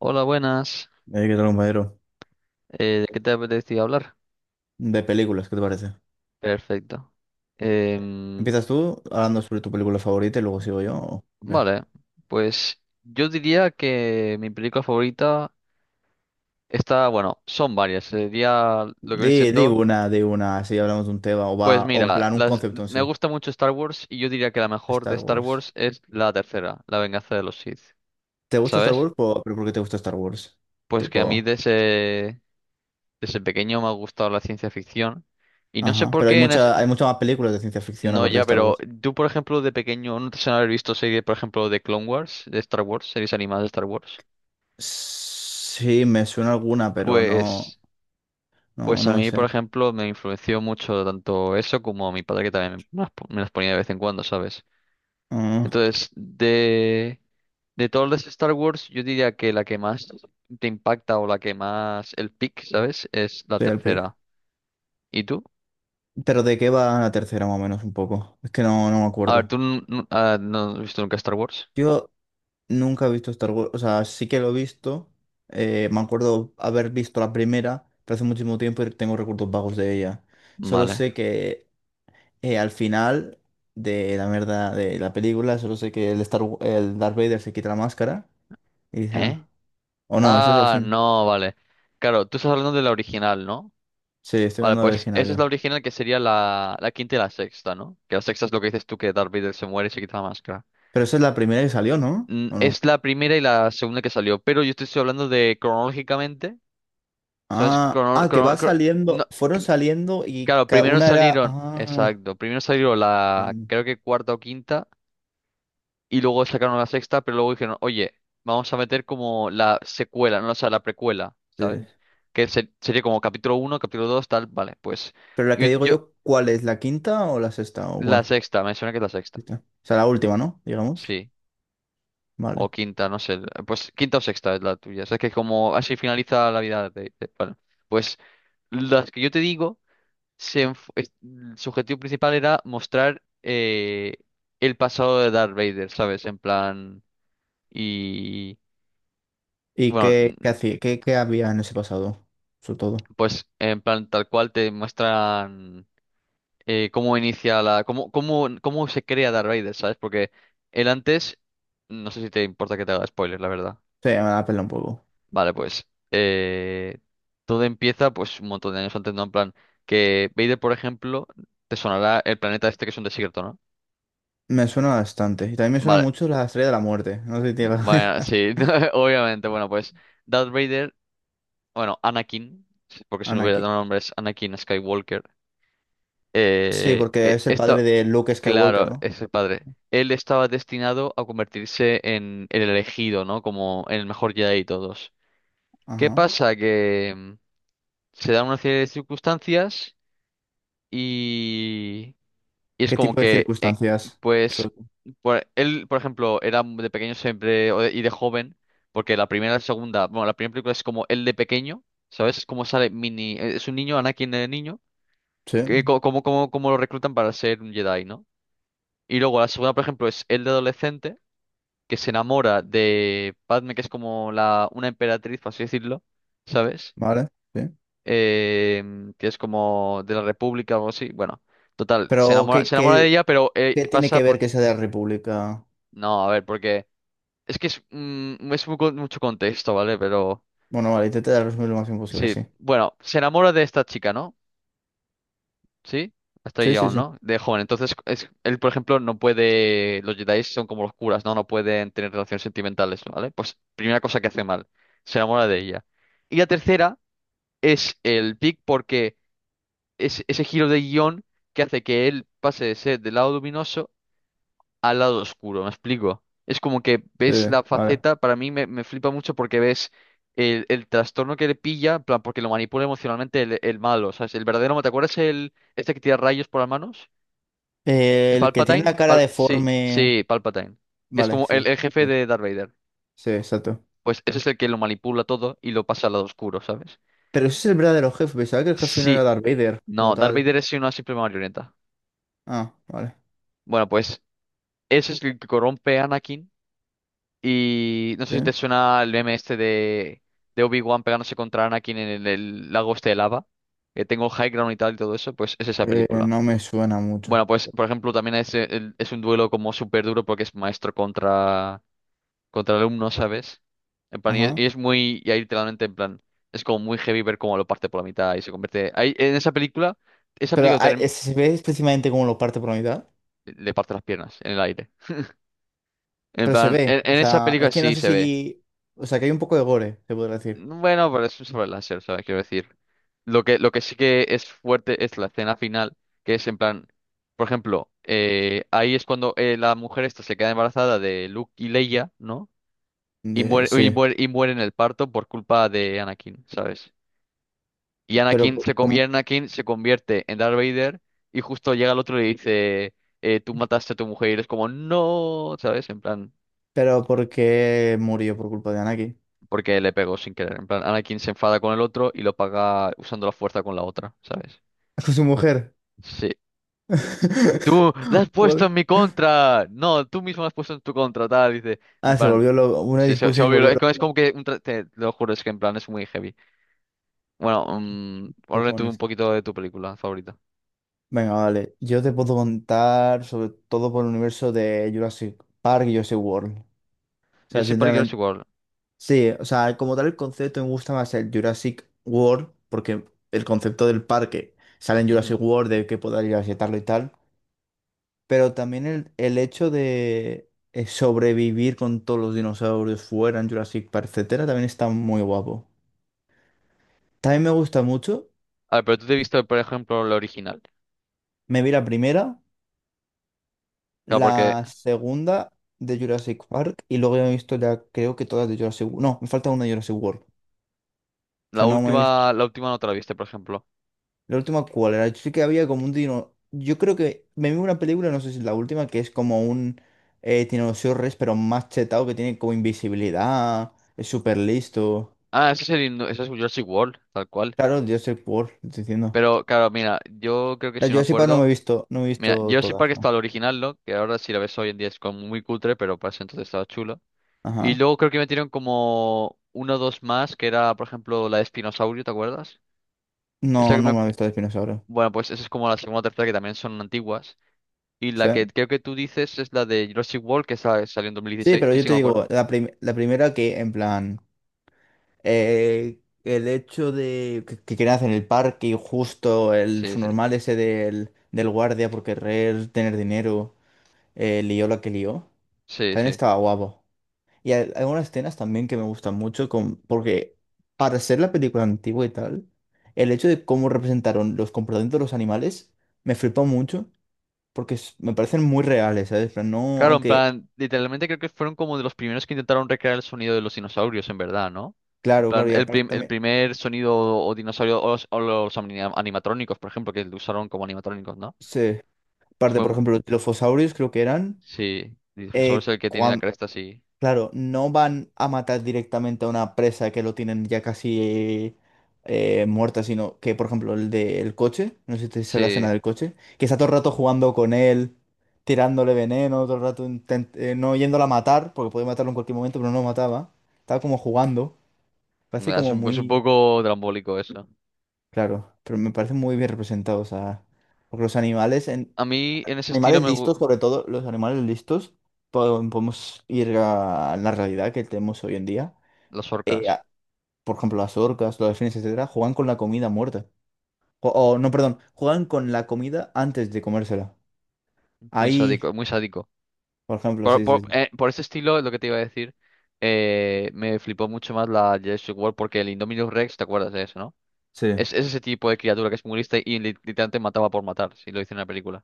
Hola, buenas. ¿Qué tal, compañero? ¿De qué te apetecía hablar? De películas, ¿qué te parece? Perfecto. Em, ¿Empiezas tú hablando sobre tu película favorita y luego sigo yo? ¿O qué? vale, pues yo diría que mi película favorita está, bueno, son varias. Sería lo que viene Di, di siendo, una, di una, así hablamos de un tema o pues va, o en mira, plan, un las, concepto en me sí. gusta mucho Star Wars y yo diría que la mejor de Star Star Wars. Wars es la tercera, La venganza de los Sith. ¿Te gusta Star ¿Sabes? Wars? ¿Pero por qué te gusta Star Wars? Pues que a mí Tipo, desde, desde pequeño me ha gustado la ciencia ficción y no sé ajá. por Pero qué hay muchas más películas de ciencia ficción No, aparte de ya, Star pero Wars. tú, por ejemplo, de pequeño, no te suena haber visto series, por ejemplo, de Clone Wars, de Star Wars, series animadas de Star Wars. Sí, me suena alguna, pero no, Pues, no, pues a no me mí, por sé. ejemplo, me influenció mucho tanto eso como a mi padre que también me las me las ponía de vez en cuando, ¿sabes? Ah, Entonces, de todas las Star Wars, yo diría que la que más te impacta o la que más el pick, ¿sabes? Es la soy el pick. tercera. ¿Y tú? ¿Pero de qué va la tercera más o menos un poco? Es que no me A ver, ¿tú acuerdo. n- n- ah, no has visto nunca Star Wars? Yo nunca he visto Star Wars, o sea, sí que lo he visto, me acuerdo haber visto la primera, pero hace muchísimo tiempo y tengo recuerdos vagos de ella. Solo Vale. sé que al final de la mierda de la película, solo sé que el, Star, el Darth Vader se quita la máscara y dice, ah, ¿Eh? o no, eso es al Ah, final. no, vale. Claro, tú estás hablando de la original, ¿no? Sí, estoy Vale, hablando del pues esa es la originario. original que sería la quinta y la sexta, ¿no? Que la sexta es lo que dices tú, que Darth Vader se muere y se quita la máscara. Pero esa es la primera que salió, ¿no? ¿O no? Es la primera y la segunda que salió, pero yo te estoy hablando de cronológicamente, ¿sabes? Ah, Crono- ah, que va crono- cro- no, saliendo, fueron cr- saliendo y Claro, primero una era... salieron, Ah, exacto, primero salió la, entiendo. creo que cuarta o quinta. Y luego sacaron la sexta, pero luego dijeron, oye, vamos a meter como la secuela, no, o sea, la precuela, Sí. ¿sabes? Sería como capítulo uno, capítulo dos, tal, vale, pues Pero la yo, que digo yo- yo, ¿cuál es? ¿La quinta o la sexta? O la bueno, sexta, me suena que es la sexta, esta. O sea, la última, ¿no? Digamos. sí, o Vale. quinta, no sé, pues quinta o sexta es la tuya, o sea, que como así finaliza la vida de vale. Pues las que yo te digo, se enf- es- su objetivo principal era mostrar el pasado de Darth Vader, ¿sabes? En plan, y... ¿Y Bueno, qué hacía, qué había en ese pasado? Sobre todo. pues en plan tal cual te muestran cómo inicia la, cómo se crea Darth Vader, ¿sabes? Porque él antes, no sé si te importa que te haga spoilers la verdad. Sí, me la pela un poco. Vale, pues todo empieza pues un montón de años antes, ¿no? En plan que Vader, por ejemplo, te sonará el planeta este que es un desierto, ¿no? Me suena bastante. Y también me suena Vale, mucho la Estrella de la Muerte. No sé si tiene bueno, la- sí, obviamente, bueno, pues Darth Vader, bueno, Anakin, porque su Anakin. verdadero nombre es Anakin Skywalker. Sí, Eh, porque e- es el padre esta, de Luke Skywalker, claro, ¿no? es el padre. Él estaba destinado a convertirse en el elegido, ¿no? Como en el mejor Jedi de todos. ¿Qué Ajá. pasa? Que se dan una serie de circunstancias y, y es ¿Qué como tipo de que, circunstancias? pues, So- él, por ejemplo, era de pequeño siempre y de joven, porque la primera, la segunda, bueno, la primera película es como él de pequeño, ¿sabes? Es como sale mini, es un niño, Anakin de niño, que, Sí, co- como, como, como lo reclutan para ser un Jedi, ¿no? Y luego la segunda, por ejemplo, es el de adolescente, que se enamora de Padme, que es como la, una emperatriz, por así decirlo, ¿sabes? vale, sí. Que es como de la República o algo así. Bueno, total, Pero ¿qué, se enamora de qué, ella, pero qué tiene pasa que ver por... que sea de la República? No, a ver, porque es que es, es muy mucho contexto, ¿vale? Pero Bueno, vale, intenté resumir lo más imposible, sí, sí. bueno, se enamora de esta chica, ¿no? Sí, hasta ahí Sí, sí, llegamos, sí. ¿no? De joven. Entonces, él, por ejemplo, no puede. Los Jedi son como los curas, ¿no? No pueden tener relaciones sentimentales, ¿vale? Pues, primera cosa que hace mal. Se enamora de ella. Y la tercera es el pic, porque es ese giro de guión que hace que él pase de ser del lado luminoso al lado oscuro. ¿Me explico? Es como que ves Sí, la vale. faceta, para mí me flipa mucho porque ves. El trastorno que le pilla, en plan, porque lo manipula emocionalmente el malo, ¿sabes? El verdadero, ¿te acuerdas el, este que tira rayos por las manos? ¿El El que tiene la Palpatine? cara Sí, deforme. sí, Palpatine. Que es Vale, como el, sí. el jefe Sí, de Darth Vader. sí, exacto. Pues ese es el que lo manipula todo y lo pasa al lado oscuro, ¿sabes? Pero ese es el verdadero jefe. Pensaba que el jefe no era Sí. Darth Vader, No, como Darth tal. Vader es una simple marioneta. Ah, vale. Bueno, pues ese es el que corrompe a Anakin. Y no sé Sí. si te suena el meme este de Obi-Wan pegándose contra Anakin en el lago este de lava. Que tengo high ground y tal y todo eso. Pues es esa película. No me suena mucho. Bueno, pues por ejemplo también es, es un duelo como súper duro porque es maestro contra... contra el alumno, ¿sabes? En plan, Ajá. y es muy, y ahí literalmente, en plan, es como muy heavy ver cómo lo parte por la mitad y se convierte. Ahí, en esa película, esa Pero película term- se ve específicamente como lo parte por la mitad. le parte las piernas en el aire. En Pero se plan, ve. O en esa sea, película es que no sí sé se ve. si. O sea, que hay un poco de gore, se podría decir. Bueno, pero es un sobre láser, ¿sabes? Quiero decir. Lo que sí que es fuerte es la escena final, que es en plan, por ejemplo, ahí es cuando la mujer esta se queda embarazada de Luke y Leia, ¿no? De- sí. Y muere en el parto por culpa de Anakin, ¿sabes? Y Pero, Anakin por- como- se convierte en Darth Vader y justo llega el otro y le dice, tú mataste a tu mujer y eres como, no, ¿sabes? En plan, pero ¿por qué murió por culpa de Anakin? porque le pegó sin querer. En plan, Anakin se enfada con el otro y lo paga usando la fuerza con la otra, ¿sabes? Con su mujer. Sí. Tú la has puesto Joder. en mi contra. No, tú mismo la has puesto en tu contra, tal. Dice, en Ah, se plan, volvió loco. Una sí, discusión y se volvió Es como loco. Que, te, te lo juro, es que en plan es muy heavy. Bueno, háblame tú un Cojones. poquito de tu película favorita. Venga, vale. Yo te puedo contar sobre todo por el universo de Jurassic Park y Jurassic World. O Yo sea, soy Parque sinceramente, igual. sí, o sea, como tal el concepto me gusta más el Jurassic World, porque el concepto del parque sale en Jurassic World, de que poder ir a visitarlo y tal. Pero también el hecho de sobrevivir con todos los dinosaurios fuera en Jurassic Park, etcétera, también está muy guapo. También me gusta mucho. A ver, pero tú te Sí. viste, por ejemplo, la original. Me vi la primera, Claro, porque la segunda de Jurassic Park y luego ya me he visto ya creo que todas de Jurassic World. No, me falta una de Jurassic World. O sea, no me he visto. La última no te la viste, por ejemplo. La última, ¿cuál era? Yo sé que había como un dino. Yo creo que me vi una película, no sé si es la última, que es como un Tiranosaurio Rex, pero más chetado, que tiene como invisibilidad, es súper listo. Ah, ese es ese es Jurassic World, tal cual. Claro, Jurassic World, te estoy diciendo. Pero claro, mira, yo creo que La si me Jurassic Park no me acuerdo. he visto, no me he Mira, visto Jurassic Park todas, ¿no? estaba el original, ¿no? Que ahora si la ves hoy en día es como muy cutre, pero para ese entonces estaba chulo. Y Ajá. luego creo que metieron como uno o dos más, que era, por ejemplo, la de Espinosaurio, ¿te acuerdas? Esa No, que no me... me he visto de dinosaurio. Bueno, pues esa es como la segunda o tercera que también son antiguas. Y la que Sí. creo que tú dices es la de Jurassic World, que salió en Sí, 2016, pero que yo sí te me acuerdo. digo, la primera que en plan. El hecho de que quieran hacer en el parque y justo el Sí, su sí. normal ese del guardia por querer tener dinero, lió la que lió, Sí, también sí. estaba guapo. Y hay algunas escenas también que me gustan mucho con, porque para ser la película antigua y tal, el hecho de cómo representaron los comportamientos de los animales me flipó mucho porque me parecen muy reales, ¿sabes? Pero no, Claro, en aunque, plan, literalmente creo que fueron como de los primeros que intentaron recrear el sonido de los dinosaurios, en verdad, ¿no? En claro, plan, claro, y aparte el también, primer sonido o dinosaurio o los animatrónicos, por ejemplo, que lo usaron como animatrónicos, ¿no? sí, aparte, Fue, por mu- ejemplo, los quilofosaurios creo que eran... sí, Dinosaurio es Eh, el que tiene la cresta, sí. claro, no van a matar directamente a una presa que lo tienen ya casi muerta, sino que, por ejemplo, el del coche, no sé si te hizo la escena Sí, del coche, que está todo el rato jugando con él, tirándole veneno, todo el rato no yéndola a matar, porque podía matarlo en cualquier momento, pero no lo mataba. Estaba como jugando, parece es como es un muy, poco drambólico eso. claro, pero me parece muy bien representado, o sea, porque los animales, en... A mí en los ese estilo animales me listos, gustan sobre todo, los animales listos, podemos ir a la realidad que tenemos hoy en día, las eh, orcas, por ejemplo, las orcas, los delfines, etcétera, juegan con la comida muerta. O, no, perdón, juegan con la comida antes de comérsela. muy Ahí, sádico, muy sádico. por ejemplo, sí, sí, sí. Por ese estilo, es lo que te iba a decir, me flipó mucho más la Jurassic World porque el Indominus Rex, ¿te acuerdas de eso, no? Sí, Es ese tipo de criatura que es muy lista y literalmente mataba por matar, si lo hice en la película,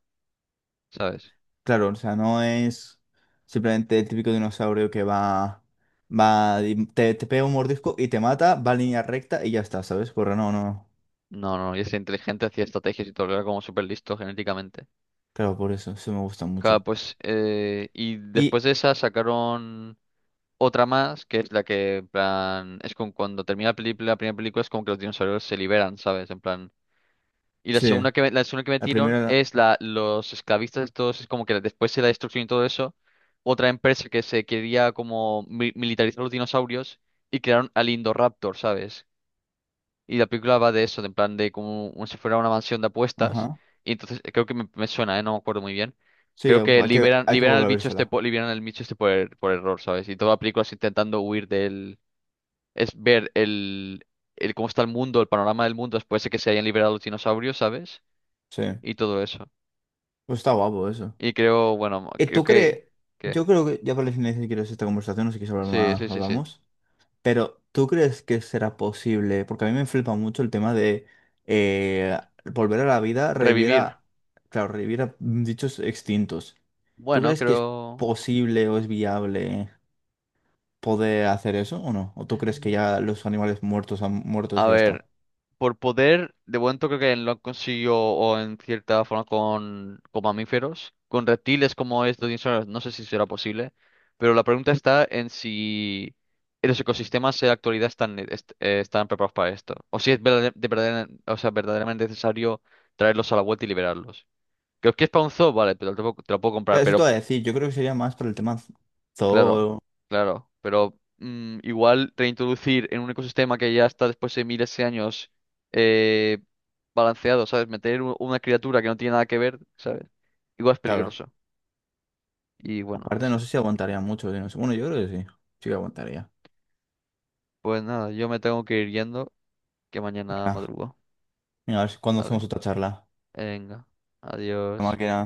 ¿sabes? claro, o sea, no es simplemente el típico dinosaurio que va, va, y te pega un mordisco y te mata, va en línea recta y ya está, ¿sabes? Corre, no, no. No, no, y es inteligente, hacía estrategias y todo, era como súper listo genéticamente. Claro, por eso, sí me gusta Claro, mucho. pues, y después Y de esa sacaron otra más, que es la que, en plan, es con cuando termina la película, la primera película es como que los dinosaurios se liberan, ¿sabes? En plan... Y sí, la segunda que la metieron primera, es la, los esclavistas, todos, es como que después de la destrucción y todo eso, otra empresa que se quería como militarizar los dinosaurios y crearon al Indoraptor, ¿sabes? Y la película va de eso, de en plan de si fuera una mansión de apuestas. ajá. Y entonces creo que me suena, ¿eh? No me acuerdo muy bien. Sí, Creo que hay que liberan al volver a bicho este, vérsela. Liberan al bicho este por error, ¿sabes? Y toda la película es intentando huir del... Es ver el cómo está el mundo, el panorama del mundo después de que se hayan liberado los dinosaurios, ¿sabes? Sí, Y todo eso. pues está guapo eso. Y creo, bueno, ¿Tú crees? que, Yo creo que ya para el final, si quieres esta conversación, no sé si quieres hablar sí, sí, más, sí, sí. hablamos. Pero ¿tú crees que será posible? Porque a mí me flipa mucho el tema de eh, volver a la vida, revivir Revivir. a, claro, revivir a dichos extintos. ¿Tú Bueno, crees que es creo, posible o es viable poder hacer eso o no? ¿O tú crees que Mm. ya los animales muertos han muertos a y ya ver, está? por poder, de momento creo que lo han conseguido o en cierta forma con mamíferos, con reptiles como estos dinosaurios, no sé si será posible, pero la pregunta está en si los ecosistemas en la actualidad están, están preparados para esto, o si es verdader- de verdader- o sea, verdaderamente necesario traerlos a la vuelta y liberarlos. Creo que es para un zoo, vale, pero te lo puedo Ya, comprar, eso te pero voy a decir, yo creo que sería más para el tema claro, zoo. claro, pero igual reintroducir en un ecosistema que ya está después de miles de años eh, balanceado, ¿sabes? Meter una criatura que no tiene nada que ver, ¿sabes? Igual es Claro. peligroso. Y bueno, Aparte, eso. no sé si aguantaría mucho. Si no sé- bueno, yo creo que sí. Sí que aguantaría. Pues nada, yo me tengo que ir yendo, que mañana Venga. madrugo, Venga, a ver si- ¿cuándo hacemos ¿vale? otra charla? Venga, La adiós. máquina.